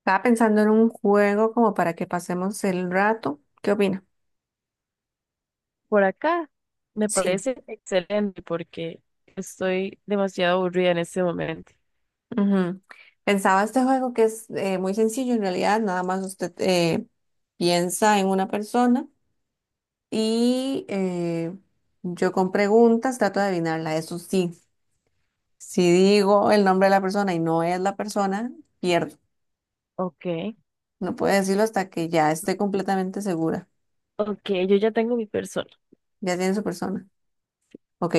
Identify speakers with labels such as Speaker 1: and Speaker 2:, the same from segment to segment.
Speaker 1: Estaba pensando en un juego como para que pasemos el rato. ¿Qué opina?
Speaker 2: Por acá. Me
Speaker 1: Sí.
Speaker 2: parece excelente porque estoy demasiado aburrida en este momento.
Speaker 1: Ujú. Pensaba este juego que es muy sencillo en realidad, nada más usted piensa en una persona y yo con preguntas trato de adivinarla. Eso sí, si digo el nombre de la persona y no es la persona, pierdo.
Speaker 2: Ok,
Speaker 1: No puedo decirlo hasta que ya esté completamente segura.
Speaker 2: ok, yo ya tengo mi persona.
Speaker 1: Ya tiene su persona. Ok,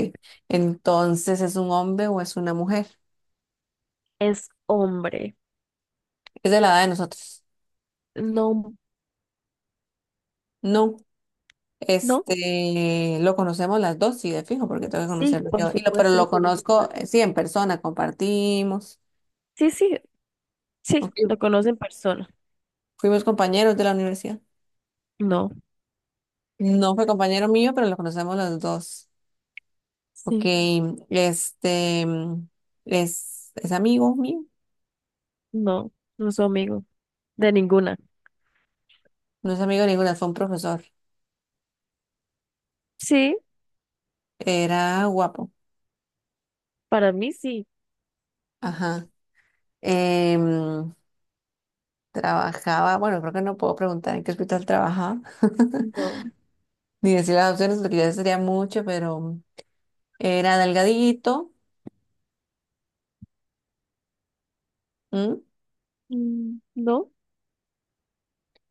Speaker 1: entonces ¿es un hombre o es una mujer?
Speaker 2: Es hombre.
Speaker 1: Es de la edad de nosotros.
Speaker 2: No,
Speaker 1: No.
Speaker 2: no.
Speaker 1: Lo conocemos las dos, sí, de fijo, porque tengo que
Speaker 2: Sí,
Speaker 1: conocerlo
Speaker 2: por
Speaker 1: yo. Y pero
Speaker 2: supuesto lo
Speaker 1: lo
Speaker 2: conoce en
Speaker 1: conozco,
Speaker 2: persona.
Speaker 1: sí, en persona, compartimos.
Speaker 2: Sí, sí, sí,
Speaker 1: Ok,
Speaker 2: lo conoce en persona.
Speaker 1: fuimos compañeros de la universidad.
Speaker 2: No,
Speaker 1: No fue compañero mío, pero lo conocemos los dos. Ok,
Speaker 2: sí,
Speaker 1: este, mm, es amigo mío.
Speaker 2: no, no soy amigo de ninguna.
Speaker 1: No es amigo de ninguna, fue un profesor.
Speaker 2: Sí,
Speaker 1: Era guapo.
Speaker 2: para mí sí.
Speaker 1: Ajá. Em, trabajaba, bueno, creo que no puedo preguntar en qué hospital trabajaba,
Speaker 2: No,
Speaker 1: ni decir las opciones, porque ya sería mucho, pero... Era delgadito, ¿m?
Speaker 2: mm, no,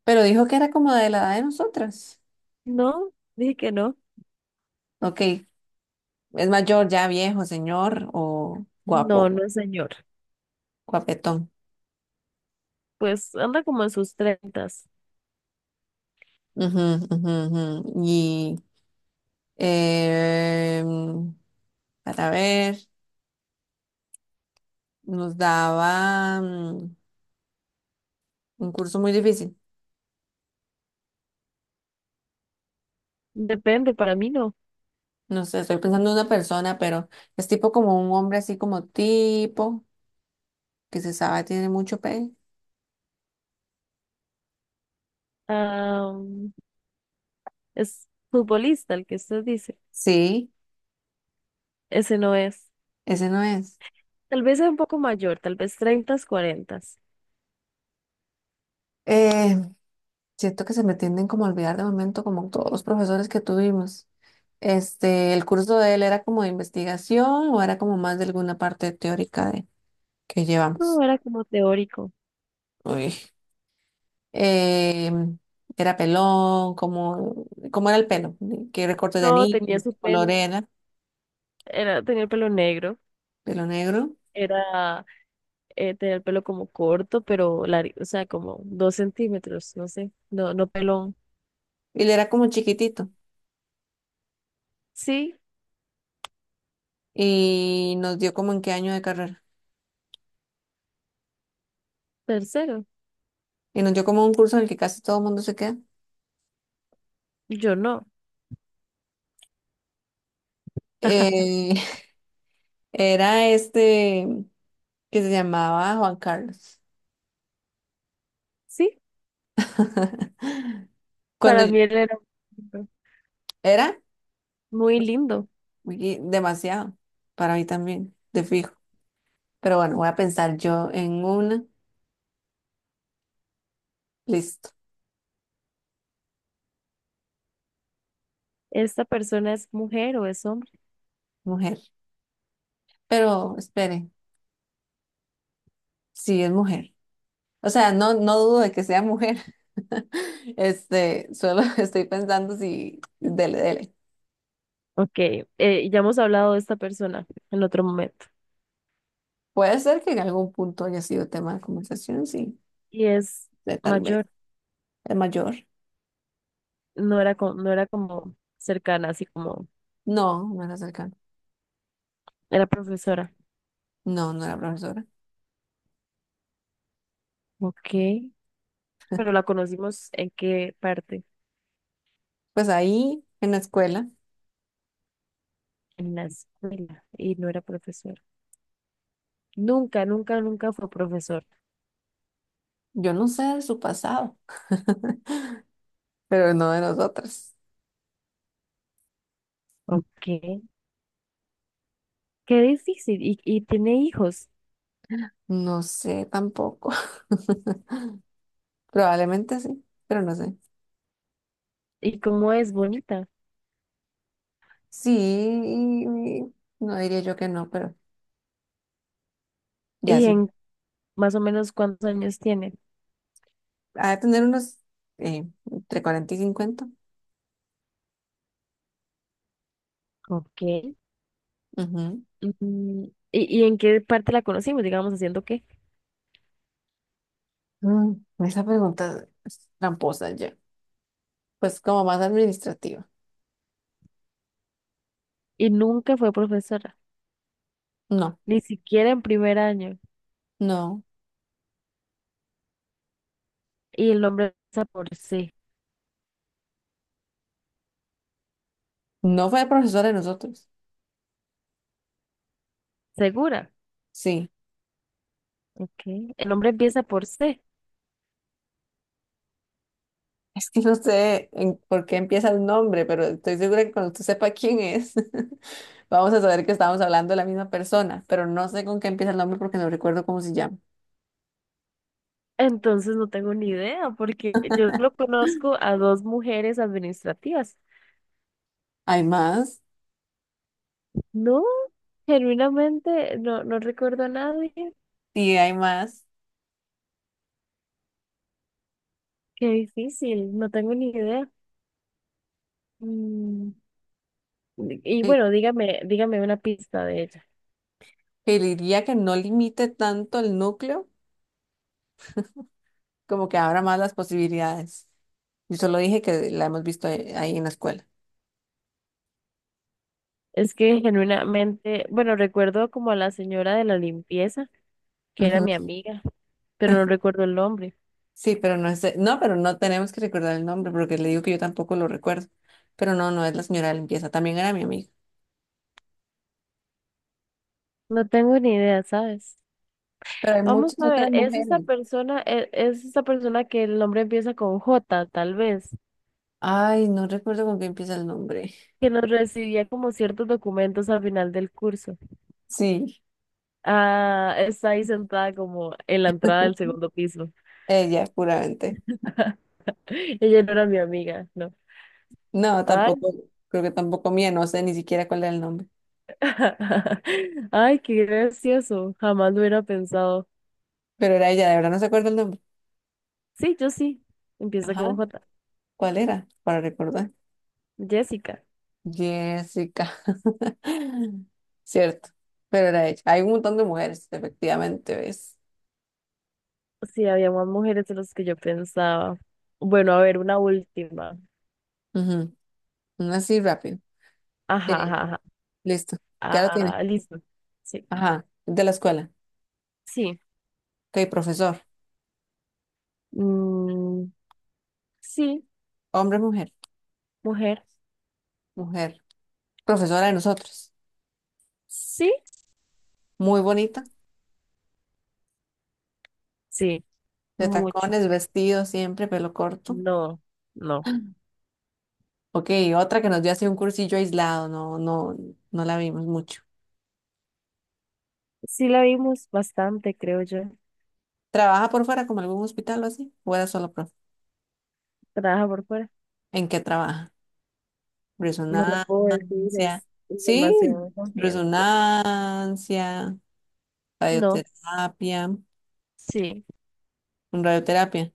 Speaker 1: Pero dijo que era como de la edad de nosotras.
Speaker 2: no, dije que no.
Speaker 1: Ok, es mayor, ya viejo, señor, o
Speaker 2: No,
Speaker 1: guapo,
Speaker 2: no, señor.
Speaker 1: guapetón.
Speaker 2: Pues anda como en sus treintas.
Speaker 1: Ujú, ujú, ujú. Y em, para ver, nos daba un curso muy difícil.
Speaker 2: Depende, para mí no.
Speaker 1: No sé, estoy pensando en una persona, pero es tipo como un hombre así como tipo, que se sabe tiene mucho pelo.
Speaker 2: Am, es futbolista el que usted dice.
Speaker 1: Sí,
Speaker 2: Ese no es.
Speaker 1: ese no es.
Speaker 2: Tal vez es un poco mayor, tal vez 30, 40.
Speaker 1: Em, Siento que se me tienden como a olvidar de momento, como todos los profesores que tuvimos. El curso de él era como de investigación o era como más de alguna parte teórica de, que
Speaker 2: No,
Speaker 1: llevamos.
Speaker 2: era como teórico.
Speaker 1: Uy. Em, era pelón, como era el pelo, qué recorte de
Speaker 2: No,
Speaker 1: anillo,
Speaker 2: tenía su
Speaker 1: qué color
Speaker 2: pelo.
Speaker 1: era,
Speaker 2: Tenía el pelo negro.
Speaker 1: pelo negro.
Speaker 2: Era, tenía el pelo como corto, pero largo, o sea, como 2 centímetros, no sé. No, no pelón.
Speaker 1: Y él era como chiquitito
Speaker 2: Sí,
Speaker 1: y nos dio como en qué año de carrera.
Speaker 2: tercero.
Speaker 1: Y nos dio como un curso en el que casi todo el mundo se queda.
Speaker 2: Yo no.
Speaker 1: Eh, era este que se llamaba Juan Carlos.
Speaker 2: Sí,
Speaker 1: Cuando
Speaker 2: para
Speaker 1: yo-
Speaker 2: mí él era
Speaker 1: era
Speaker 2: muy lindo.
Speaker 1: y demasiado para mí también, de fijo. Pero bueno, voy a pensar yo en una. Listo,
Speaker 2: ¿Esta persona es mujer o es hombre?
Speaker 1: mujer. Pero espere, sí es mujer. O sea, no, no dudo de que sea mujer. Solo estoy pensando si, dele, dele.
Speaker 2: Ok, ya hemos hablado de esta persona en otro momento
Speaker 1: Puede ser que en algún punto haya sido tema de conversación, sí,
Speaker 2: y es
Speaker 1: de tal vez.
Speaker 2: mayor,
Speaker 1: Es mayor.
Speaker 2: no era, no era como cercana, así como
Speaker 1: No, no era cercano.
Speaker 2: era profesora.
Speaker 1: No, no era profesora.
Speaker 2: Ok, pero la conocimos en qué parte,
Speaker 1: Pues ahí, en la escuela,
Speaker 2: en la escuela y no era profesora. Nunca, nunca, nunca fue profesor.
Speaker 1: yo no sé de su pasado, pero no de nosotras.
Speaker 2: Ok, qué difícil. Y tiene hijos.
Speaker 1: No sé tampoco. Probablemente sí, pero no sé.
Speaker 2: ¿Y cómo es bonita?
Speaker 1: Sí, no diría yo que no, pero ya
Speaker 2: ¿Y
Speaker 1: sí.
Speaker 2: en más o menos cuántos años tiene?
Speaker 1: Ha de tener unos entre 40 y 50.
Speaker 2: Ok.
Speaker 1: Ujú.
Speaker 2: mm, ¿y en qué parte la conocimos, digamos, haciendo qué?
Speaker 1: Mm, esa pregunta es tramposa ya. Pues como más administrativa.
Speaker 2: Y nunca fue profesora,
Speaker 1: No,
Speaker 2: ni siquiera en primer año.
Speaker 1: no.
Speaker 2: Y el nombre empieza por C.
Speaker 1: No fue profesora de nosotros.
Speaker 2: ¿Segura?
Speaker 1: Sí.
Speaker 2: Ok. El nombre empieza por C.
Speaker 1: Es que no sé por qué empieza el nombre, pero estoy segura que cuando usted sepa quién es. Vamos a saber que estábamos hablando de la misma persona, pero no sé con qué empieza el nombre porque no recuerdo cómo se llama.
Speaker 2: Entonces no tengo ni idea, porque yo lo conozco a dos mujeres administrativas.
Speaker 1: ¿Hay más?
Speaker 2: No, genuinamente no, no recuerdo a nadie.
Speaker 1: Sí, hay más.
Speaker 2: Qué difícil, no tengo ni idea. Mm, Y
Speaker 1: Que,
Speaker 2: bueno, dígame, dígame una pista de ella.
Speaker 1: que diría que no limite tanto el núcleo, como que abra más las posibilidades. Yo solo dije que la hemos visto ahí en la escuela.
Speaker 2: Es que genuinamente, bueno, recuerdo como a la señora de la limpieza, que era
Speaker 1: Ujú.
Speaker 2: mi amiga. Pero no recuerdo el nombre.
Speaker 1: Sí, pero no es no, pero no tenemos que recordar el nombre porque le digo que yo tampoco lo recuerdo. Pero no, no es la señora de limpieza, también era mi amiga.
Speaker 2: No tengo ni idea, ¿sabes?
Speaker 1: Pero hay
Speaker 2: Vamos
Speaker 1: muchas
Speaker 2: a
Speaker 1: otras
Speaker 2: ver, es
Speaker 1: mujeres.
Speaker 2: esta persona, e- es esta persona que el nombre empieza con J, tal vez,
Speaker 1: Ay, no recuerdo con qué empieza el nombre.
Speaker 2: que nos recibía como ciertos documentos al final del curso.
Speaker 1: Sí,
Speaker 2: Ah, está ahí sentada como en la entrada del segundo piso.
Speaker 1: ella, puramente.
Speaker 2: Ella no era mi amiga, no.
Speaker 1: No,
Speaker 2: Ay,
Speaker 1: tampoco, creo que tampoco mía, no sé ni siquiera cuál era el nombre.
Speaker 2: ay, qué gracioso. Jamás lo hubiera pensado.
Speaker 1: Pero era ella, de verdad no se acuerda el nombre.
Speaker 2: Sí, yo sí. Empieza
Speaker 1: Ajá,
Speaker 2: con J.
Speaker 1: ¿cuál era? Para recordar.
Speaker 2: Jessica.
Speaker 1: Jessica. Cierto, pero era ella. Hay un montón de mujeres, efectivamente, ¿ves?
Speaker 2: Sí, había más mujeres de las que yo pensaba. Bueno, a ver, una última.
Speaker 1: Ujú, una así rápido.
Speaker 2: Ajá,
Speaker 1: Eh,
Speaker 2: ajá, ajá.
Speaker 1: listo, ya lo
Speaker 2: Ah,
Speaker 1: tiene.
Speaker 2: ah, listo. Sí.
Speaker 1: Ajá, de la escuela.
Speaker 2: Sí.
Speaker 1: Ok, profesor.
Speaker 2: Mm, sí,
Speaker 1: Hombre, mujer.
Speaker 2: mujer.
Speaker 1: Mujer. Profesora de nosotros.
Speaker 2: Sí.
Speaker 1: Muy bonita,
Speaker 2: Sí,
Speaker 1: de
Speaker 2: mucho.
Speaker 1: tacones, vestido siempre, pelo corto.
Speaker 2: No, no.
Speaker 1: Ok, otra que nos dio así un cursillo aislado, no, no, no la vimos mucho.
Speaker 2: Sí la vimos bastante, creo yo.
Speaker 1: ¿Trabaja por fuera como algún hospital o así? ¿O era solo profe?
Speaker 2: Trabaja por fuera.
Speaker 1: ¿En qué trabaja?
Speaker 2: No lo puedo decir,
Speaker 1: Resonancia.
Speaker 2: es información
Speaker 1: Sí,
Speaker 2: confidencial.
Speaker 1: resonancia,
Speaker 2: No,
Speaker 1: radioterapia,
Speaker 2: sí.
Speaker 1: radioterapia.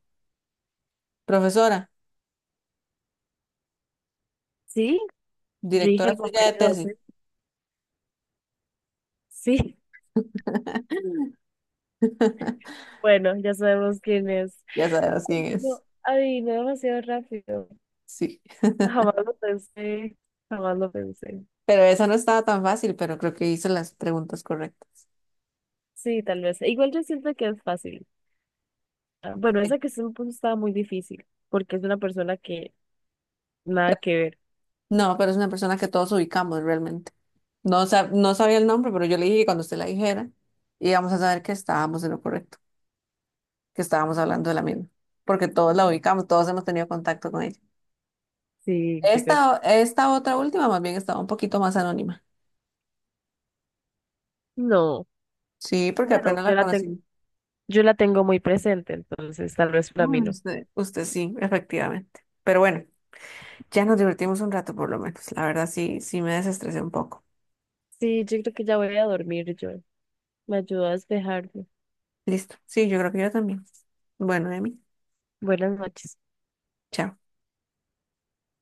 Speaker 1: Profesora,
Speaker 2: Sí, rige
Speaker 1: directora
Speaker 2: el
Speaker 1: suya
Speaker 2: papel
Speaker 1: de
Speaker 2: de
Speaker 1: tesis.
Speaker 2: 12. Sí, bueno, ya sabemos quién es.
Speaker 1: Ya sabes
Speaker 2: Ay,
Speaker 1: quién
Speaker 2: no,
Speaker 1: es.
Speaker 2: adivino demasiado rápido.
Speaker 1: Sí.
Speaker 2: Jamás lo pensé, jamás lo pensé.
Speaker 1: Pero esa no estaba tan fácil, pero creo que hice las preguntas correctas.
Speaker 2: Sí, tal vez. E igual yo siento que es fácil. Ah, bueno,
Speaker 1: Sí.
Speaker 2: esa que se me puso estaba muy difícil, porque es una persona que nada
Speaker 1: Pero-
Speaker 2: que ver.
Speaker 1: no, pero es una persona que todos ubicamos realmente. No, no sabía el nombre, pero yo le dije que cuando usted la dijera, íbamos a saber que estábamos en lo correcto, que estábamos hablando de la misma, porque todos la ubicamos, todos hemos tenido contacto con ella.
Speaker 2: Sí, yo creo que...
Speaker 1: Esta otra última más bien estaba un poquito más anónima.
Speaker 2: No,
Speaker 1: Sí, porque
Speaker 2: bueno,
Speaker 1: apenas la
Speaker 2: yo la tengo,
Speaker 1: conocí.
Speaker 2: yo la tengo muy presente, entonces tal vez para mí
Speaker 1: Bueno,
Speaker 2: no.
Speaker 1: usted sí, efectivamente. Pero bueno, ya nos divertimos un rato por lo menos. La verdad sí, sí me desestresé un poco.
Speaker 2: Sí, yo creo que ya voy a dormir yo. Me ayudó a despejarme.
Speaker 1: Listo. Sí, yo creo que yo también. Bueno, Emi,
Speaker 2: Buenas noches.
Speaker 1: chao.